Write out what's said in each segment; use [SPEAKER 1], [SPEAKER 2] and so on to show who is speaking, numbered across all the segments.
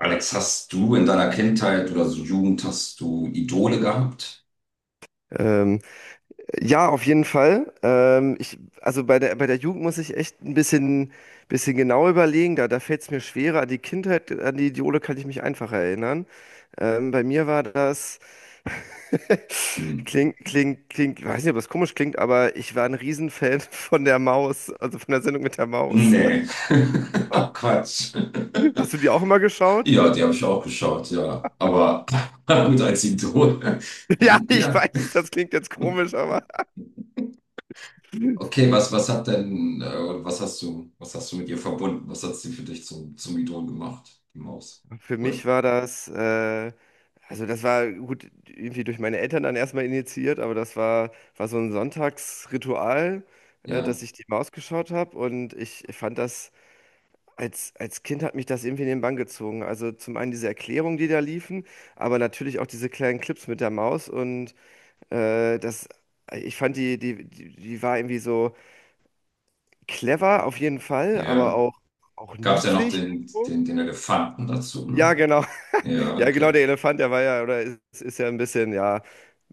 [SPEAKER 1] Alex, hast du in deiner Kindheit oder so Jugend, hast du Idole gehabt?
[SPEAKER 2] Ähm, ja, auf jeden Fall. Ich, also bei der Jugend muss ich echt ein bisschen genau überlegen. Da fällt es mir schwerer. An die Kindheit, an die Idole kann ich mich einfacher erinnern. Bei mir war das,
[SPEAKER 1] Hm.
[SPEAKER 2] klingt, weiß nicht, ob das komisch klingt, aber ich war ein Riesenfan von der Maus, also von der Sendung mit der Maus.
[SPEAKER 1] Nee. Ach, Quatsch.
[SPEAKER 2] Hast du die auch immer geschaut?
[SPEAKER 1] Ja, die habe ich auch geschaut, ja. Aber gut als Idol.
[SPEAKER 2] Ja, ich
[SPEAKER 1] Ja.
[SPEAKER 2] weiß, das klingt jetzt komisch, aber.
[SPEAKER 1] Okay, was, was hat denn, oder was hast du mit ihr verbunden? Was hat sie für dich zum, zum Idol gemacht, die Maus?
[SPEAKER 2] Für
[SPEAKER 1] Oder?
[SPEAKER 2] mich war das, also das war gut, irgendwie durch meine Eltern dann erstmal initiiert, aber das war so ein Sonntagsritual,
[SPEAKER 1] Ja.
[SPEAKER 2] dass ich die Maus geschaut habe und ich fand das, als Kind hat mich das irgendwie in den Bann gezogen. Also zum einen diese Erklärungen, die da liefen, aber natürlich auch diese kleinen Clips mit der Maus und äh, das, ich fand die war irgendwie so clever auf jeden Fall, aber
[SPEAKER 1] Ja.
[SPEAKER 2] auch
[SPEAKER 1] Gab es ja noch
[SPEAKER 2] niedlich
[SPEAKER 1] den,
[SPEAKER 2] irgendwo.
[SPEAKER 1] den, den Elefanten dazu,
[SPEAKER 2] Ja,
[SPEAKER 1] ne?
[SPEAKER 2] genau.
[SPEAKER 1] Ja,
[SPEAKER 2] Ja, genau,
[SPEAKER 1] okay.
[SPEAKER 2] der Elefant, der war ja, oder ist ja, ein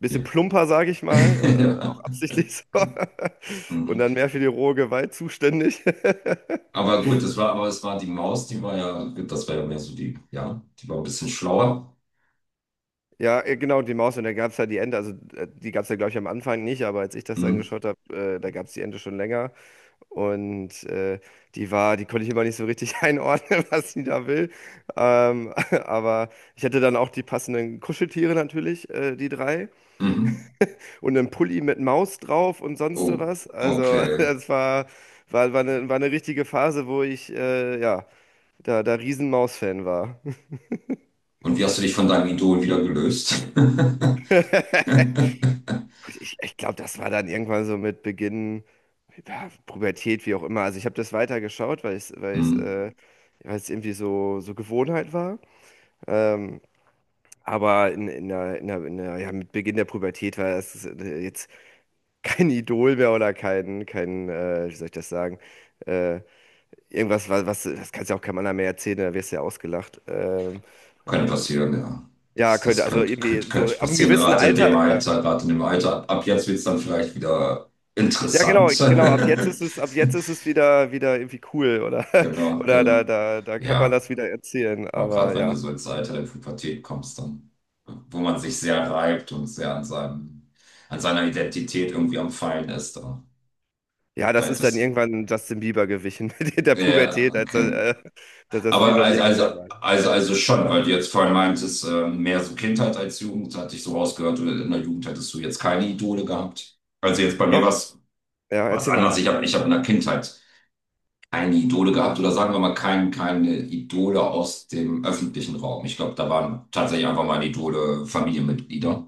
[SPEAKER 2] bisschen
[SPEAKER 1] Ja.
[SPEAKER 2] plumper, sage ich mal,
[SPEAKER 1] Ja.
[SPEAKER 2] auch absichtlich so. Und
[SPEAKER 1] Mhm.
[SPEAKER 2] dann mehr für die rohe Gewalt zuständig.
[SPEAKER 1] Aber gut, das war, aber es war die Maus, die war ja, das war ja mehr so die, ja, die war ein bisschen schlauer.
[SPEAKER 2] Ja, genau, die Maus und da gab es ja die Ente, also die gab es ja, glaube ich, am Anfang nicht, aber als ich das dann
[SPEAKER 1] Mhm.
[SPEAKER 2] geschaut habe, da gab es die Ente schon länger. Und die war, die konnte ich immer nicht so richtig einordnen, was sie da will. Ähm, aber ich hatte dann auch die passenden Kuscheltiere natürlich, die drei,
[SPEAKER 1] Mhm.
[SPEAKER 2] und einen Pulli mit Maus drauf und sonst
[SPEAKER 1] Oh,
[SPEAKER 2] sowas. Also,
[SPEAKER 1] okay.
[SPEAKER 2] das war eine richtige Phase, wo ich ja, da Riesen-Maus-Fan war.
[SPEAKER 1] Und wie hast du dich von deinem Idol wieder gelöst?
[SPEAKER 2] Gut, ich glaube, das war dann irgendwann so mit Beginn, ja, Pubertät, wie auch immer. Also ich habe das weitergeschaut, weil
[SPEAKER 1] Mhm.
[SPEAKER 2] weil es irgendwie so, so Gewohnheit war. Ähm, aber in der, ja, mit Beginn der Pubertät war es jetzt kein Idol mehr oder kein, kein, wie soll ich das sagen? Äh, Irgendwas, das kannst ja auch keinem anderen mehr erzählen, da wirst du ja ausgelacht.
[SPEAKER 1] Könnte
[SPEAKER 2] Ähm,
[SPEAKER 1] passieren, ja.
[SPEAKER 2] ja,
[SPEAKER 1] Das,
[SPEAKER 2] könnte,
[SPEAKER 1] das
[SPEAKER 2] also
[SPEAKER 1] könnte,
[SPEAKER 2] irgendwie
[SPEAKER 1] könnte,
[SPEAKER 2] so
[SPEAKER 1] könnte
[SPEAKER 2] ab einem
[SPEAKER 1] passieren,
[SPEAKER 2] gewissen
[SPEAKER 1] gerade in dem
[SPEAKER 2] Alter, ja.
[SPEAKER 1] Alter, gerade in dem Alter. Ab, ab jetzt wird es dann vielleicht wieder
[SPEAKER 2] Ja,
[SPEAKER 1] interessant.
[SPEAKER 2] genau, genau, ab jetzt ist es wieder, wieder irgendwie cool oder,
[SPEAKER 1] Genau,
[SPEAKER 2] oder
[SPEAKER 1] genau.
[SPEAKER 2] da kann man
[SPEAKER 1] Ja.
[SPEAKER 2] das wieder erzählen,
[SPEAKER 1] Aber gerade
[SPEAKER 2] aber
[SPEAKER 1] wenn du
[SPEAKER 2] ja.
[SPEAKER 1] so ins Alter der Pubertät kommst, dann, wo man sich sehr reibt und sehr an seinem, an seiner Identität irgendwie am Feilen ist, da,
[SPEAKER 2] Ja,
[SPEAKER 1] da
[SPEAKER 2] das ist dann
[SPEAKER 1] hättest du.
[SPEAKER 2] irgendwann Justin Bieber gewichen mit der
[SPEAKER 1] Ja,
[SPEAKER 2] Pubertät,
[SPEAKER 1] okay.
[SPEAKER 2] dass das viel
[SPEAKER 1] Aber
[SPEAKER 2] bei mir genau war.
[SPEAKER 1] also schon, weil du jetzt vorhin meintest, mehr so Kindheit als Jugend, hatte ich so rausgehört, du- in der Jugend hättest du jetzt keine Idole gehabt. Also jetzt bei mir
[SPEAKER 2] Doch,
[SPEAKER 1] war es
[SPEAKER 2] ja,
[SPEAKER 1] was
[SPEAKER 2] erzähl mal.
[SPEAKER 1] anders. Ich hab in der Kindheit keine Idole gehabt oder sagen wir mal kein, keine Idole aus dem öffentlichen Raum. Ich glaube, da waren tatsächlich einfach meine Idole Familienmitglieder.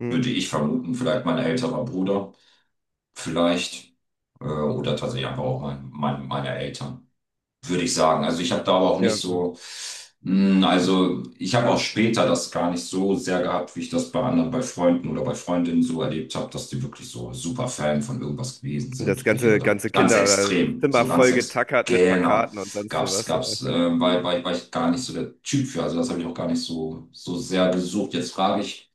[SPEAKER 2] Mhm.
[SPEAKER 1] Würde ich vermuten, vielleicht mein älterer Bruder, vielleicht, oder tatsächlich einfach auch mein, mein, meine Eltern, würde ich sagen. Also ich habe da aber auch
[SPEAKER 2] Ja,
[SPEAKER 1] nicht
[SPEAKER 2] mhm.
[SPEAKER 1] so, also ich habe auch später das gar nicht so sehr gehabt, wie ich das bei anderen, bei Freunden oder bei Freundinnen so erlebt habe, dass die wirklich so super Fan von irgendwas gewesen
[SPEAKER 2] Und das
[SPEAKER 1] sind oder jeder
[SPEAKER 2] ganze,
[SPEAKER 1] da.
[SPEAKER 2] ganze
[SPEAKER 1] Ganz
[SPEAKER 2] Kinder oder das
[SPEAKER 1] extrem,
[SPEAKER 2] Zimmer
[SPEAKER 1] so ganz
[SPEAKER 2] voll
[SPEAKER 1] extrem.
[SPEAKER 2] getackert mit
[SPEAKER 1] Genau,
[SPEAKER 2] Plakaten und sonst so
[SPEAKER 1] gab's,
[SPEAKER 2] was.
[SPEAKER 1] gab's, äh, war ich gar nicht so der Typ für, also das habe ich auch gar nicht so, so sehr gesucht. Jetzt frage ich,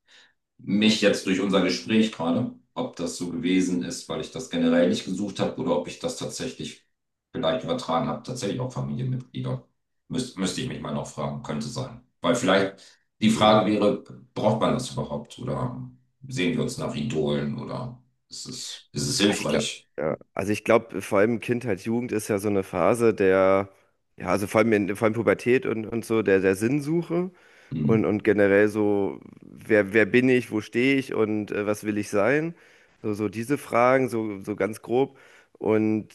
[SPEAKER 1] mich jetzt durch unser Gespräch gerade, ob das so gewesen ist, weil ich das generell nicht gesucht habe oder ob ich das tatsächlich vielleicht übertragen habe, tatsächlich auch Familienmitglieder. Müsste ich mich mal noch fragen, könnte sein. Weil vielleicht die
[SPEAKER 2] Mhm.
[SPEAKER 1] Frage wäre, braucht man das überhaupt oder sehen wir uns nach Idolen oder ist es
[SPEAKER 2] Ich glaube,
[SPEAKER 1] hilfreich?
[SPEAKER 2] ja. Also ich glaube, vor allem Kindheit, Jugend ist ja so eine Phase der, ja, also vor allem vor allem Pubertät und so, der, der Sinnsuche
[SPEAKER 1] Hm,
[SPEAKER 2] und generell so, wer bin ich, wo stehe ich und was will ich sein? So, so diese Fragen, so, so ganz grob. Und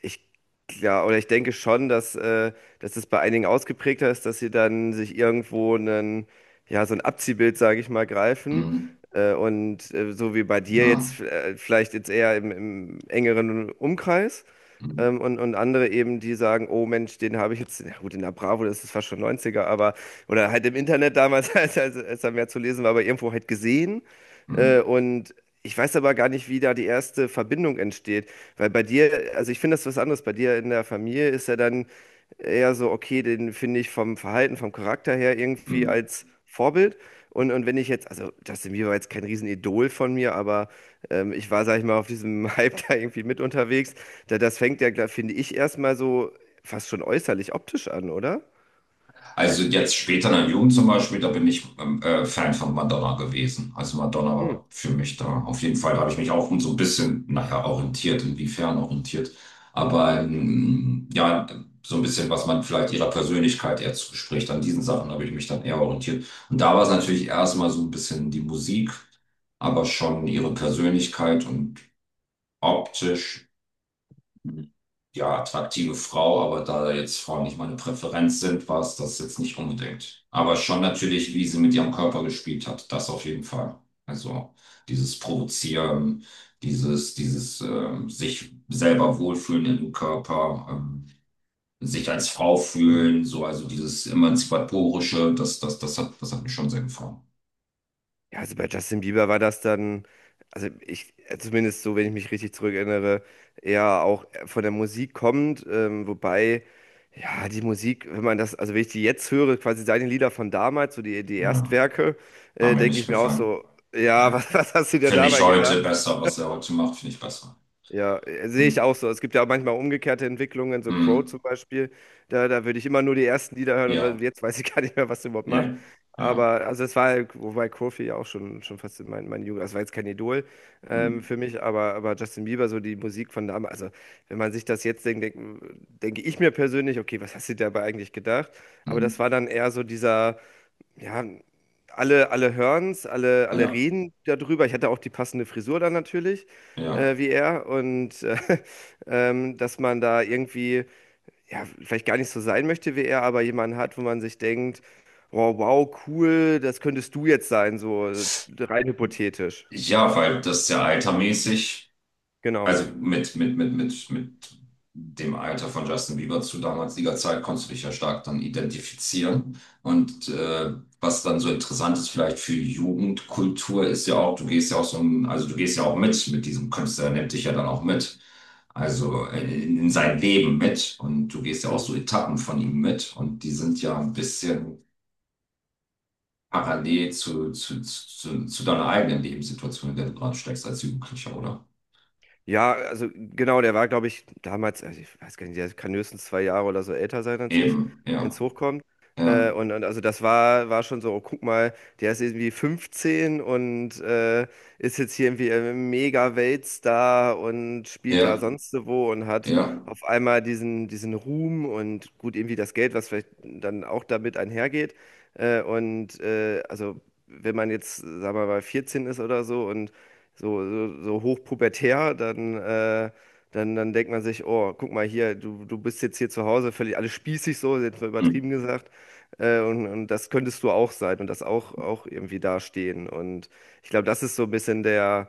[SPEAKER 2] ich Klar, oder ich denke schon, dass es bei einigen ausgeprägter ist, dass sie dann sich irgendwo einen, ja, so ein Abziehbild, sage ich mal, greifen.
[SPEAKER 1] hm,
[SPEAKER 2] So wie bei dir
[SPEAKER 1] ja,
[SPEAKER 2] jetzt, vielleicht jetzt eher im engeren Umkreis.
[SPEAKER 1] hm,
[SPEAKER 2] Und andere eben, die sagen, oh Mensch, den habe ich jetzt, na gut, in der Bravo, das ist fast schon Neunziger aber, oder halt im Internet damals, als da mehr zu lesen war, aber irgendwo halt gesehen.
[SPEAKER 1] hm,
[SPEAKER 2] Äh, und Ich weiß aber gar nicht, wie da die erste Verbindung entsteht. Weil bei dir, also ich finde das was anderes. Bei dir in der Familie ist er dann eher so, okay, den finde ich vom Verhalten, vom Charakter her irgendwie
[SPEAKER 1] hm.
[SPEAKER 2] als Vorbild. Und wenn ich jetzt, also Justin Bieber war jetzt kein Riesenidol von mir, aber ich war, sag ich mal, auf diesem Hype da irgendwie mit unterwegs. Das fängt ja, glaub- finde ich, erstmal so fast schon äußerlich optisch an, oder?
[SPEAKER 1] Also jetzt später in der Jugend zum Beispiel, da bin ich Fan von Madonna gewesen. Also Madonna
[SPEAKER 2] Hm,
[SPEAKER 1] war für mich da. Auf jeden Fall da habe ich mich auch so ein bisschen, naja, orientiert, inwiefern orientiert. Aber ja, so ein bisschen, was man vielleicht ihrer Persönlichkeit eher zuspricht. An diesen Sachen habe ich mich dann eher orientiert. Und da war es natürlich erstmal so ein bisschen die Musik, aber schon
[SPEAKER 2] hm,
[SPEAKER 1] ihre Persönlichkeit und optisch ja, attraktive Frau, aber da jetzt Frauen nicht meine Präferenz sind, war es das jetzt nicht unbedingt. Aber schon natürlich, wie sie mit ihrem Körper gespielt hat, das auf jeden Fall. Also dieses Provozieren, dieses sich selber wohlfühlen im Körper, sich als Frau
[SPEAKER 2] hm.
[SPEAKER 1] fühlen, so also dieses Emanzipatorische, das hat mir schon sehr gefallen.
[SPEAKER 2] Ja, also bei Justin Bieber war das dann, also zumindest so, wenn ich mich richtig zurückerinnere, eher auch von der Musik kommend, wobei, ja, die Musik, wenn man das, also wenn ich die jetzt höre, quasi seine Lieder von damals, so die
[SPEAKER 1] Ja,
[SPEAKER 2] Erstwerke,
[SPEAKER 1] hat mir
[SPEAKER 2] denke
[SPEAKER 1] nicht
[SPEAKER 2] ich mir auch
[SPEAKER 1] gefallen.
[SPEAKER 2] so, ja,
[SPEAKER 1] Nee.
[SPEAKER 2] was hast du dir
[SPEAKER 1] Finde ich
[SPEAKER 2] dabei
[SPEAKER 1] heute besser, was er heute macht, finde ich besser.
[SPEAKER 2] ja, sehe ich
[SPEAKER 1] Hm.
[SPEAKER 2] auch so. Es gibt ja auch manchmal umgekehrte Entwicklungen, so Crow zum
[SPEAKER 1] Hm.
[SPEAKER 2] Beispiel. Da würde ich immer nur die ersten Lieder hören und dann,
[SPEAKER 1] Ja,
[SPEAKER 2] jetzt weiß ich gar nicht mehr, was der überhaupt macht.
[SPEAKER 1] ja, ja.
[SPEAKER 2] Aber also es war, wobei Kofi ja auch schon fast in meine Jugend, das war jetzt kein Idol
[SPEAKER 1] Hm,
[SPEAKER 2] für mich, aber Justin Bieber, so die Musik von damals, also wenn man sich das jetzt denke ich mir persönlich, okay, was hast du dir dabei eigentlich gedacht? Aber das
[SPEAKER 1] hm.
[SPEAKER 2] war dann eher so dieser ja, alle hören's, alle
[SPEAKER 1] Ja,
[SPEAKER 2] reden darüber. Ich hatte auch die passende Frisur dann natürlich,
[SPEAKER 1] ja.
[SPEAKER 2] wie er. Und dass man da irgendwie, ja, vielleicht gar nicht so sein möchte wie er, aber jemanden hat, wo man sich denkt, wow, cool, das könntest du jetzt sein, so rein hypothetisch.
[SPEAKER 1] Ja, weil das ja altermäßig,
[SPEAKER 2] Genau.
[SPEAKER 1] also mit dem Alter von Justin Bieber zu damaliger Zeit konntest du dich ja stark dann identifizieren. Und was dann so interessant ist, vielleicht für Jugendkultur, ist ja auch, du gehst ja auch so, ein- also du gehst ja auch mit diesem Künstler, der nimmt dich ja dann auch mit. Also in sein Leben mit. Und du gehst ja auch so
[SPEAKER 2] Mhm.
[SPEAKER 1] Etappen von ihm mit. Und die sind ja ein bisschen parallel zu deiner eigenen Lebenssituation, in der du gerade steckst als Jugendlicher, oder?
[SPEAKER 2] Ja, also genau, der war, glaube ich, damals, also ich weiß gar nicht, der kann höchstens zwei Jahre oder so älter sein als ich,
[SPEAKER 1] Eben,
[SPEAKER 2] wenn es
[SPEAKER 1] ja,
[SPEAKER 2] hochkommt.
[SPEAKER 1] ja,
[SPEAKER 2] Also das war, war schon so, oh, guck mal, der ist irgendwie 15 und ist jetzt hier irgendwie ein Mega-Weltstar und spielt da
[SPEAKER 1] ja,
[SPEAKER 2] sonst so wo und hat
[SPEAKER 1] ja.
[SPEAKER 2] auf einmal diesen Ruhm und gut, irgendwie das Geld, was vielleicht dann auch damit einhergeht. Also wenn man jetzt, sagen wir mal, 14 ist oder so und so hochpubertär, dann denkt man sich, oh, guck mal hier, du bist jetzt hier zu Hause, völlig alles spießig so, jetzt mal übertrieben
[SPEAKER 1] Hm.
[SPEAKER 2] gesagt. Und das könntest du auch sein und das auch irgendwie dastehen. Und ich glaube, das ist so ein bisschen der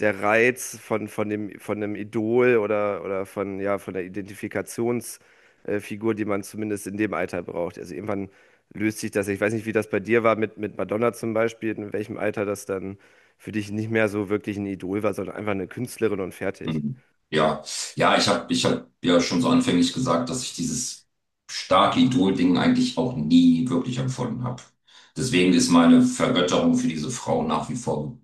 [SPEAKER 2] der Reiz von dem, von einem Idol oder von, ja, von der Identifikationsfigur, die man zumindest in dem Alter braucht. Also irgendwann löst sich das. Ich weiß nicht, wie das bei dir war mit Madonna zum Beispiel, in welchem Alter das dann für dich nicht mehr so wirklich ein Idol war, sondern einfach eine Künstlerin und fertig.
[SPEAKER 1] Mhm. Ja, ja, ich hab ja schon so anfänglich gesagt, dass ich dieses starke Idol-Ding eigentlich auch nie wirklich empfunden habe. Deswegen ist meine Vergötterung für diese Frau nach wie vor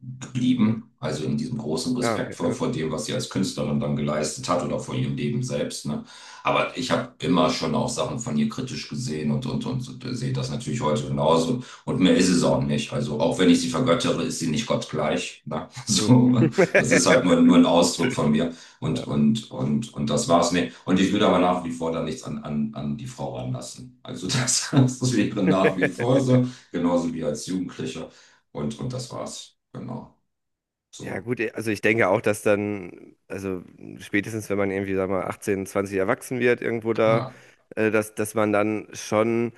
[SPEAKER 2] Hm.
[SPEAKER 1] geblieben. Also in diesem großen
[SPEAKER 2] Ah,
[SPEAKER 1] Respekt
[SPEAKER 2] okay,
[SPEAKER 1] vor,
[SPEAKER 2] ja.
[SPEAKER 1] vor dem, was sie als Künstlerin dann geleistet hat oder vor ihrem Leben selbst. Ne? Aber ich habe immer schon auch Sachen von ihr kritisch gesehen sehe das natürlich heute genauso. Und mehr ist es auch nicht. Also auch wenn ich sie vergöttere, ist sie nicht gottgleich. Ne?
[SPEAKER 2] Hm.
[SPEAKER 1] So, das ist halt nur, nur ein Ausdruck von mir.
[SPEAKER 2] Ja.
[SPEAKER 1] Und das war's. Nee. Und ich will aber nach wie vor da nichts an, an, an die Frau ranlassen. Also das, das wäre nach wie vor so, genauso wie als Jugendlicher. Und das war's. Genau.
[SPEAKER 2] Ja,
[SPEAKER 1] So.
[SPEAKER 2] gut, also ich denke auch, dass dann, also spätestens wenn man irgendwie, sag mal, 18, 20 erwachsen wird, irgendwo da,
[SPEAKER 1] Ja,
[SPEAKER 2] dass man dann schon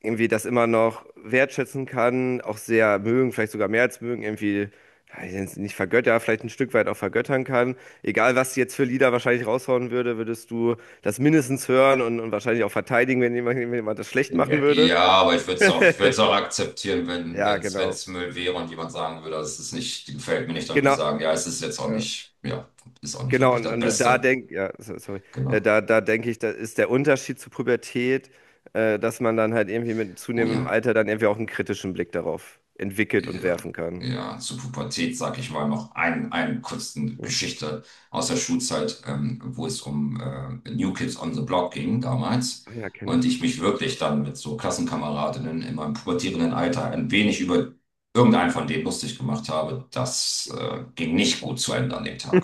[SPEAKER 2] irgendwie das immer noch wertschätzen kann, auch sehr mögen, vielleicht sogar mehr als mögen, irgendwie, ja, ich nenn's nicht vergötter, vielleicht ein Stück weit auch vergöttern kann. Egal, was sie jetzt für Lieder wahrscheinlich raushauen würde, würdest du das mindestens hören und wahrscheinlich auch verteidigen, wenn wenn jemand das schlecht machen
[SPEAKER 1] ja,
[SPEAKER 2] würde.
[SPEAKER 1] ja, aber ich würde es auch, ich würde es auch akzeptieren, wenn,
[SPEAKER 2] Ja, genau.
[SPEAKER 1] wenn's Müll wäre und jemand sagen würde, das ist nicht, gefällt mir nicht, dann würde ich
[SPEAKER 2] Genau.
[SPEAKER 1] sagen, ja, es ist jetzt auch
[SPEAKER 2] Ja.
[SPEAKER 1] nicht, ja, ist auch nicht
[SPEAKER 2] Genau,
[SPEAKER 1] wirklich das
[SPEAKER 2] und da
[SPEAKER 1] Beste.
[SPEAKER 2] sorry,
[SPEAKER 1] Genau.
[SPEAKER 2] da denke ich, da ist der Unterschied zur Pubertät, dass man dann halt irgendwie mit
[SPEAKER 1] Oh
[SPEAKER 2] zunehmendem
[SPEAKER 1] ja.
[SPEAKER 2] Alter dann irgendwie auch einen kritischen Blick darauf entwickelt und
[SPEAKER 1] Ja,
[SPEAKER 2] werfen kann.
[SPEAKER 1] ja, zur Pubertät sage ich mal noch eine kurzen
[SPEAKER 2] Ja,
[SPEAKER 1] Geschichte aus der Schulzeit, wo es um New Kids on the Block ging damals.
[SPEAKER 2] Ah ja, kenne
[SPEAKER 1] Und ich
[SPEAKER 2] ich.
[SPEAKER 1] mich wirklich dann mit so Klassenkameradinnen in meinem pubertierenden Alter ein wenig über irgendeinen von denen lustig gemacht habe. Das ging nicht gut zu Ende an dem Tag.